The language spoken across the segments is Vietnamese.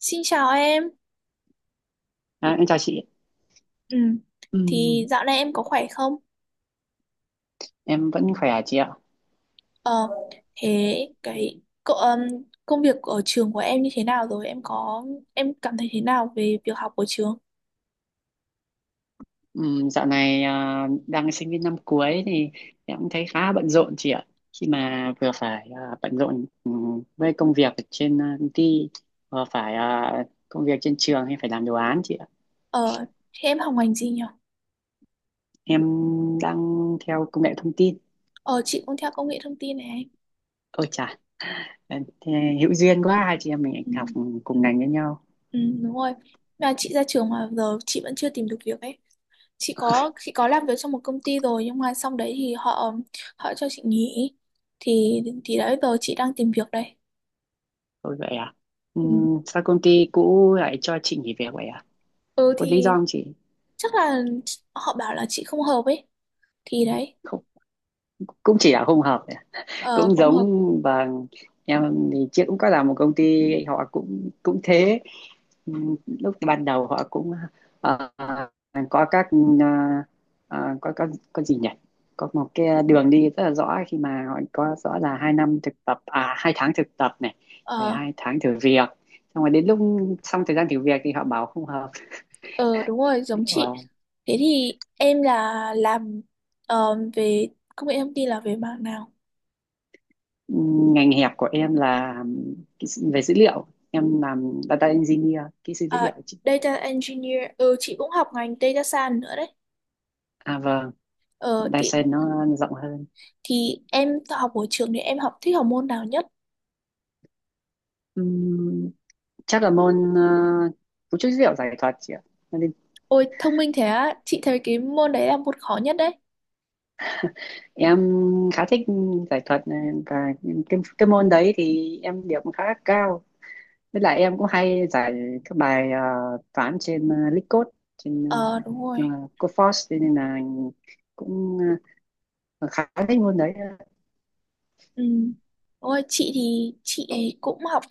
Xin chào em. À, em chào chị. Ừ. Thì Ừm, dạo này em có khỏe không? em vẫn khỏe à chị ạ. Ờ, thế cái công việc ở trường của em như thế nào rồi? Em có em cảm thấy thế nào về việc học ở trường? Dạo này đang sinh viên năm cuối thì em cũng thấy khá bận rộn chị ạ. Khi mà vừa phải bận rộn với công việc ở trên công ty, vừa phải công việc trên trường hay phải làm đồ án chị ạ. Ờ, thế em học ngành gì nhỉ? Em đang theo công nghệ thông tin. Ờ, chị cũng theo công nghệ thông tin này. Ôi chà, thế hữu duyên quá, hai chị em mình Ừ, học ừ, cùng ngành với nhau. ừ, đúng rồi. Mà chị ra trường mà giờ chị vẫn chưa tìm được việc ấy. Chị có làm việc trong một công ty rồi nhưng mà xong đấy thì họ họ cho chị nghỉ. Thì đấy giờ chị đang tìm việc đây. Thôi vậy à. Ừ. Sao công ty cũ lại cho chị nghỉ việc vậy à? Ừ Có lý thì do không chị? chắc là họ bảo là chị không hợp ấy thì đấy. Không, cũng chỉ là không hợp, Ờ cũng không hợp. giống và em thì trước cũng có làm một công ty họ cũng cũng thế. Ừ, lúc ban đầu họ cũng ờ, có các ờ, ờ, có có có gì nhỉ, có một cái đường đi rất là rõ, khi mà họ có rõ là 2 năm thực tập à 2 tháng thực tập này, rồi ờ 2 tháng thử việc, xong rồi đến lúc xong thời gian thử việc thì họ bảo không hợp. ờ đúng rồi giống chị. Và Thế thì em là làm, về công nghệ thông tin là về mảng nào? ừ, ngành hẹp của em là về dữ liệu, em làm data engineer, kỹ sư dữ liệu À, chị. data engineer, ừ chị cũng học ngành data science nữa đấy. À vâng. Ờ thì Dyson nó rộng hơn. thì em học ở trường thì em học thích học môn nào nhất? Ừm, Chắc là môn cấu trúc dữ liệu giải thuật chị ạ. Cho nên Ôi thông minh thế á, chị thấy cái môn đấy là môn khó nhất đấy. em khá thích giải thuật này, và cái môn đấy thì em điểm khá cao, với lại em cũng hay giải các bài toán trên LeetCode, trên Ờ đúng ờ, rồi. Codeforce, cho nên là cũng ờ, khá thích môn đấy. Ừ. Ôi, chị thì chị ấy cũng học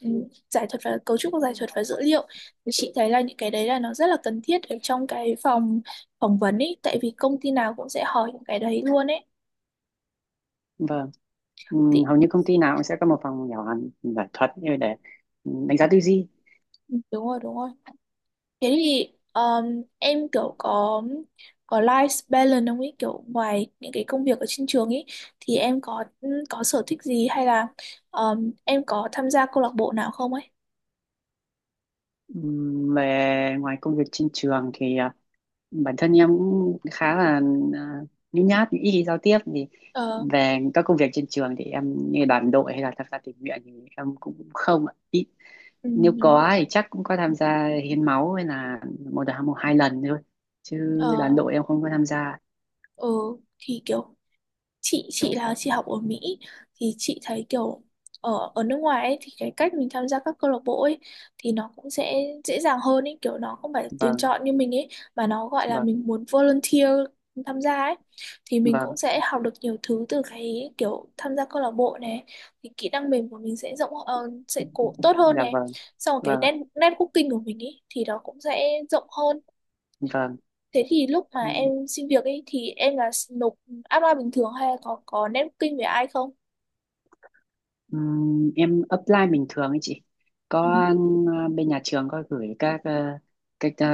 giải thuật và cấu trúc của giải thuật và dữ liệu, thì chị thấy là những cái đấy là nó rất là cần thiết ở trong cái phỏng vấn ấy, tại vì công ty nào cũng sẽ hỏi những cái đấy luôn ấy. Vâng. Thì Hầu như công ty nào cũng sẽ có một phòng nhỏ giải thuật như để đánh giá tư duy. ừ, đúng rồi. Thế thì em kiểu có life balance không ấy, kiểu ngoài những cái công việc ở trên trường ấy thì em có ừ, có sở thích gì hay là em có tham gia câu lạc bộ nào không ấy? Về ngoài công việc trên trường thì bản thân em cũng khá là à, nhút nhát, ít khi giao tiếp, thì Ờ. về các công việc trên trường thì em như đoàn đội hay là tham gia tình nguyện thì em cũng không ạ. Ít, Ừ, nếu đúng không. có thì chắc cũng có tham gia hiến máu hay là một đợt một hai lần thôi, chứ đoàn Ờ. đội em không có tham gia. Ừ thì kiểu chị là chị học ở Mỹ, thì chị thấy kiểu ở ở nước ngoài ấy, thì cái cách mình tham gia các câu lạc bộ ấy thì nó cũng sẽ dễ dàng hơn ấy, kiểu nó không phải tuyển Vâng. chọn như mình ấy, mà nó gọi là Vâng. mình muốn volunteer tham gia ấy. Thì mình Vâng. cũng sẽ học được nhiều thứ từ cái kiểu tham gia câu lạc bộ này, thì kỹ năng mềm của mình sẽ rộng sẽ cố tốt hơn Dạ này. vâng. Xong rồi cái Vâng. networking của mình ấy thì nó cũng sẽ rộng hơn. Vâng. Thế thì lúc mà em xin việc ấy thì em là nộp apply bình thường hay là có networking với ai không? Em apply bình thường ấy chị. Ừ. Có bên nhà trường có gửi các ờ,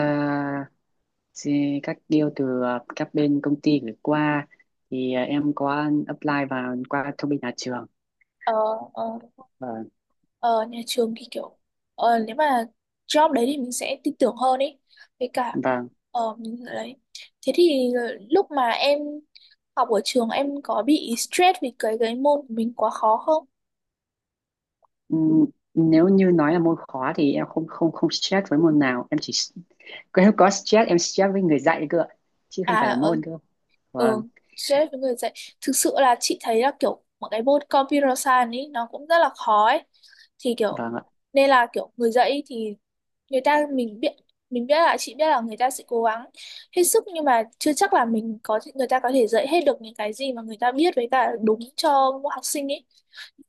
các deal từ các bên công ty gửi qua, thì em có apply vào qua thông bên nhà trường. Ờ, ờ, và ờ, nhà trường thì kiểu nếu mà job đấy thì mình sẽ tin tưởng hơn ấy. Với cả và mình đấy. Thế thì lúc mà em học ở trường em có bị stress vì cái môn của mình quá khó không? ừm, nếu như nói là môn khó thì em không không không stress với môn nào, em chỉ nếu có stress em stress với người dạy cơ ạ, chứ không À phải là ờ, môn cơ. Ừ, Vâng. stress với người dạy. Thực sự là chị thấy là kiểu một cái môn computer science ấy nó cũng rất là khó ấy. Thì kiểu Vâng ạ. nên là kiểu người dạy ý thì người ta mình biết là chị biết là người ta sẽ cố gắng hết sức, nhưng mà chưa chắc là mình có người ta có thể dạy hết được những cái gì mà người ta biết với cả đúng cho mỗi học sinh ấy.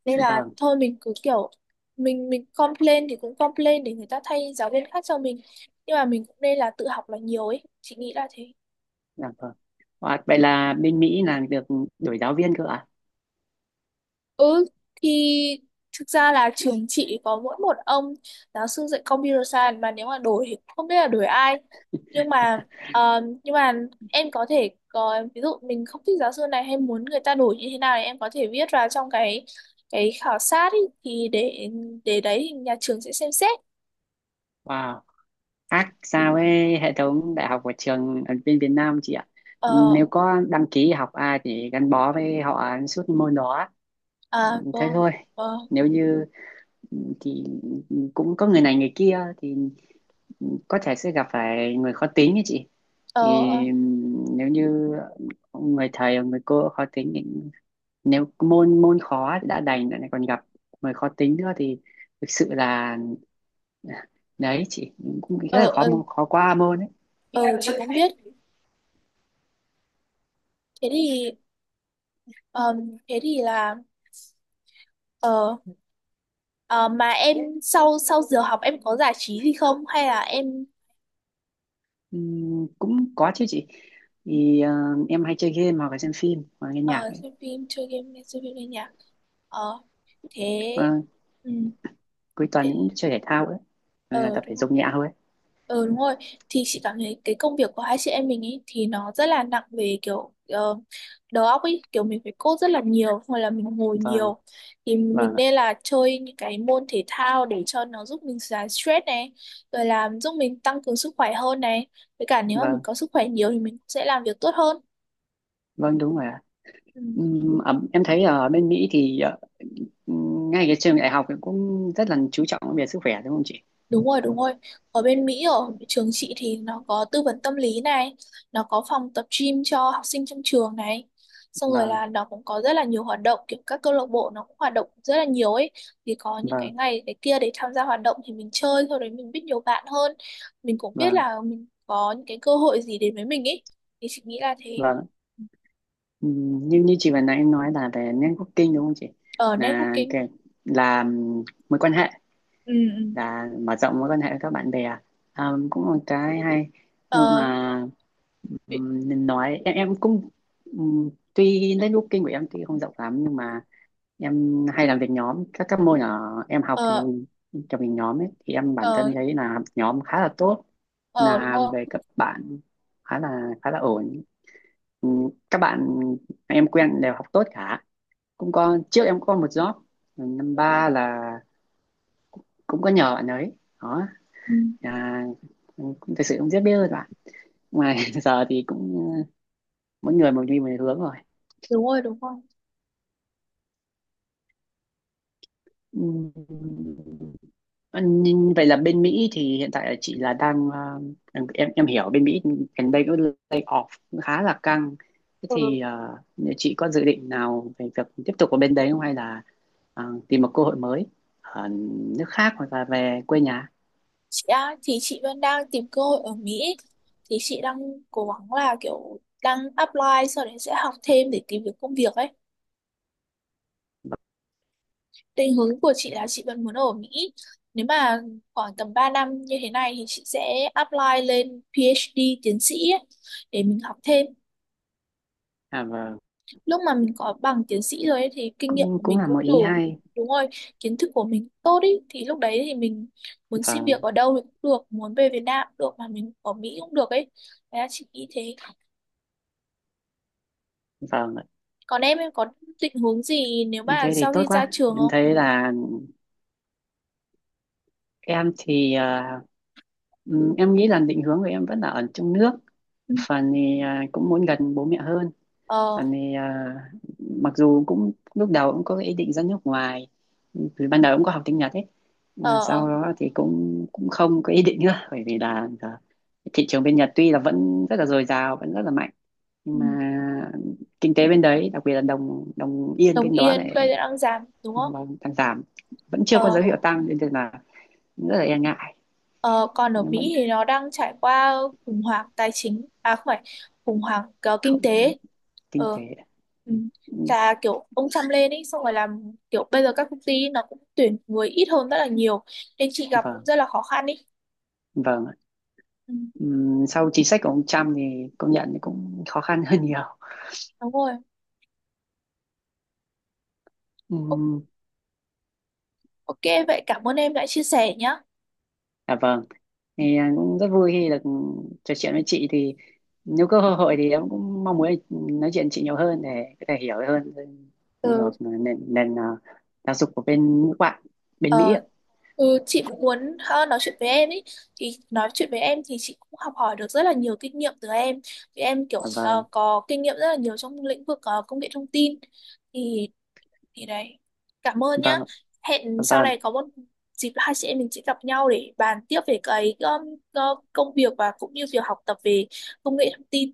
Nên là Vâng. thôi mình cứ kiểu mình complain thì cũng complain để người ta thay giáo viên khác cho mình. Nhưng mà mình cũng nên là tự học là nhiều ấy. Chị nghĩ là thế. Dạ vâng. Wow, vậy là bên Mỹ là được đổi giáo viên cơ ạ. Ừ thì thực ra là trường chị có mỗi một ông giáo sư dạy computer science, mà nếu mà đổi thì không biết là đổi ai, nhưng mà ờ, nhưng mà em có thể có ví dụ mình không thích giáo sư này hay muốn người ta đổi như thế nào thì em có thể viết vào trong cái khảo sát ý, thì để đấy thì nhà trường sẽ xem xét. Wow, ác sao với hệ thống đại học của trường ở bên Việt Nam chị ạ, nếu Ờ. có đăng ký học ai thì gắn bó với họ suốt môn đó, À thế vâng. thôi. Vâng. Nếu như thì cũng có người này người kia thì có thể sẽ gặp phải người khó tính ấy chị, ờ thì ờ nếu như người thầy hoặc người cô khó tính thì nếu môn môn khó đã đành lại còn gặp người khó tính nữa thì thực sự là ừ, đấy chị, cũng rất ờ là khó ờ, khó qua môn ấy. ờ, chị cũng biết. Thế thì ờ, thế thì là ờ Ờ, mà em sau sau giờ học em có giải trí gì không hay là em Cũng có chứ chị, thì em hay chơi game hoặc là xem phim hoặc là nghe nhạc ờ, ấy. xem phim chơi game xem phim nghe nhạc. Ờ. Thế. Ờ, Ừ. Cuối tuần Thế. những chơi thể thao ấy, ờ tập đúng thể rồi dục nhẹ thôi ấy. ờ đúng rồi thì chị cảm thấy cái công việc của hai chị em mình ấy thì nó rất là nặng về kiểu đầu óc ấy, kiểu mình phải code rất là nhiều hoặc là mình ngồi Vâng. nhiều. Thì mình Vâng ạ. nên là chơi những cái môn thể thao để cho nó giúp mình giải stress này, rồi làm giúp mình tăng cường sức khỏe hơn này, với cả nếu mà mình Vâng. có sức khỏe nhiều thì mình sẽ làm việc tốt hơn. Vâng đúng rồi ạ. Ừ. Em thấy ở bên Mỹ thì ngay cái trường đại học ấy cũng rất là chú trọng về sức khỏe, đúng không chị? Đúng rồi, đúng rồi. Ở bên Mỹ, ở trường chị thì nó có tư vấn tâm lý này, nó có phòng tập gym cho học sinh trong trường này. Xong rồi Vâng. là nó cũng có rất là nhiều hoạt động, kiểu các câu lạc bộ nó cũng hoạt động rất là nhiều ấy. Thì có những cái Vâng. ngày cái kia để tham gia hoạt động thì mình chơi, sau đấy mình biết nhiều bạn hơn. Mình cũng biết Vâng. là mình có những cái cơ hội gì đến với mình ấy. Thì chị nghĩ là thế. Vâng. Như như chị vừa nãy em nói là về networking đúng không chị, Ở là networking. cái, là mối quan hệ, Ừ, ừ. là mở rộng mối quan hệ với các bạn bè. À, cũng là một cái hay, nhưng Ờ, mà bị- nên nói em cũng tuy networking của em tuy không rộng lắm, nhưng mà em hay làm việc nhóm các môn ở em học thì ờ, trong việc nhóm ấy thì em bản ờ, thân thấy là nhóm khá là tốt, ờ, đúng là rồi. về các bạn khá là ổn. Các bạn em quen đều học tốt cả, cũng có trước em có một job năm ba là cũng có nhờ bạn ấy đó. Ừ, À, cũng thực sự không rất biết rồi bạn mà giờ thì cũng mỗi người một đi một hướng rồi. đúng rồi Ừm, nhưng vậy là bên Mỹ thì hiện tại là chị là đang em hiểu bên Mỹ gần đây có lay off khá là căng, thế Ừ. thì nếu chị có dự định nào về việc tiếp tục ở bên đấy không, hay là tìm một cơ hội mới ở nước khác hoặc là về quê nhà. Chị à, thì chị vẫn đang tìm cơ hội ở Mỹ, thì chị đang cố gắng là kiểu đang apply, sau đấy sẽ học thêm để tìm được công việc ấy. Định hướng của chị là chị vẫn muốn ở Mỹ. Nếu mà khoảng tầm 3 năm như thế này thì chị sẽ apply lên PhD tiến sĩ ấy, để mình học thêm. À, vâng, Lúc mà mình có bằng tiến sĩ rồi ấy, thì kinh nghiệm cũng của cũng mình là một cũng ý đủ. hay. Đúng rồi, kiến thức của mình tốt ý thì lúc đấy thì mình muốn xin Vâng. việc ở đâu thì cũng được, muốn về Việt Nam cũng được mà mình ở Mỹ cũng được ấy. Đấy là chị nghĩ thế. Vâng ạ. Còn em có định hướng gì nếu Em mà thế thì sau tốt khi ra quá, trường em không? thấy là em thì em nghĩ là định hướng của em vẫn là ở trong nước, Ừ. phần thì cũng muốn gần bố mẹ hơn, ờ phần thì mặc dù cũng lúc đầu cũng có ý định ra nước ngoài, từ ban đầu cũng có học tiếng Nhật ấy, mà ờ sau ờ, đó thì cũng cũng không có ý định nữa bởi vì là giờ thị trường bên Nhật tuy là vẫn rất là dồi dào, vẫn rất là mạnh, nhưng mà ừ. kinh tế bên đấy đặc biệt là đồng đồng yên Đồng bên đó Yên bây giờ lại đang giảm đúng không? đang đang giảm, vẫn chưa ờ có dấu hiệu tăng nên là rất là e ngại, ờ, còn ở nhưng vẫn Mỹ thì nó đang trải qua khủng hoảng tài chính, à không phải khủng hoảng kinh không. tế. Kinh Ờ. tế. Ừ. Ừ. Là kiểu ông Trump lên ấy xong rồi làm kiểu bây giờ các công ty nó cũng tuyển người ít hơn rất là nhiều, nên chị gặp cũng Vâng. rất là khó khăn ý. Vâng, ạ. Ừ. Sau chính sách của ông Trump thì công nhận cũng khó khăn hơn nhiều. Đúng rồi. O- Ừm, ok, vậy cảm ơn em đã chia sẻ nhá. À vâng, thì cũng rất vui khi được trò chuyện với chị, thì nếu có cơ hội thì em cũng mong muốn nói chuyện chị nhiều hơn để có thể hiểu hơn về Ừ. nền nền giáo dục của bên nước bạn, bên Mỹ ạ. ờ, Ừ, chị cũng muốn nói chuyện với em ý, thì nói chuyện với em thì chị cũng học hỏi được rất là nhiều kinh nghiệm từ em, thì em kiểu À, vâng. có kinh nghiệm rất là nhiều trong lĩnh vực công nghệ thông tin. Thì thì đấy, cảm ơn nhá. Vâng. Hẹn sau Vâng. này có một dịp hai chị em mình sẽ gặp nhau để bàn tiếp về cái công việc, và cũng như việc học tập về công nghệ thông tin.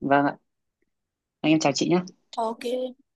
Vâng ạ. Anh em chào chị nhé. Ok.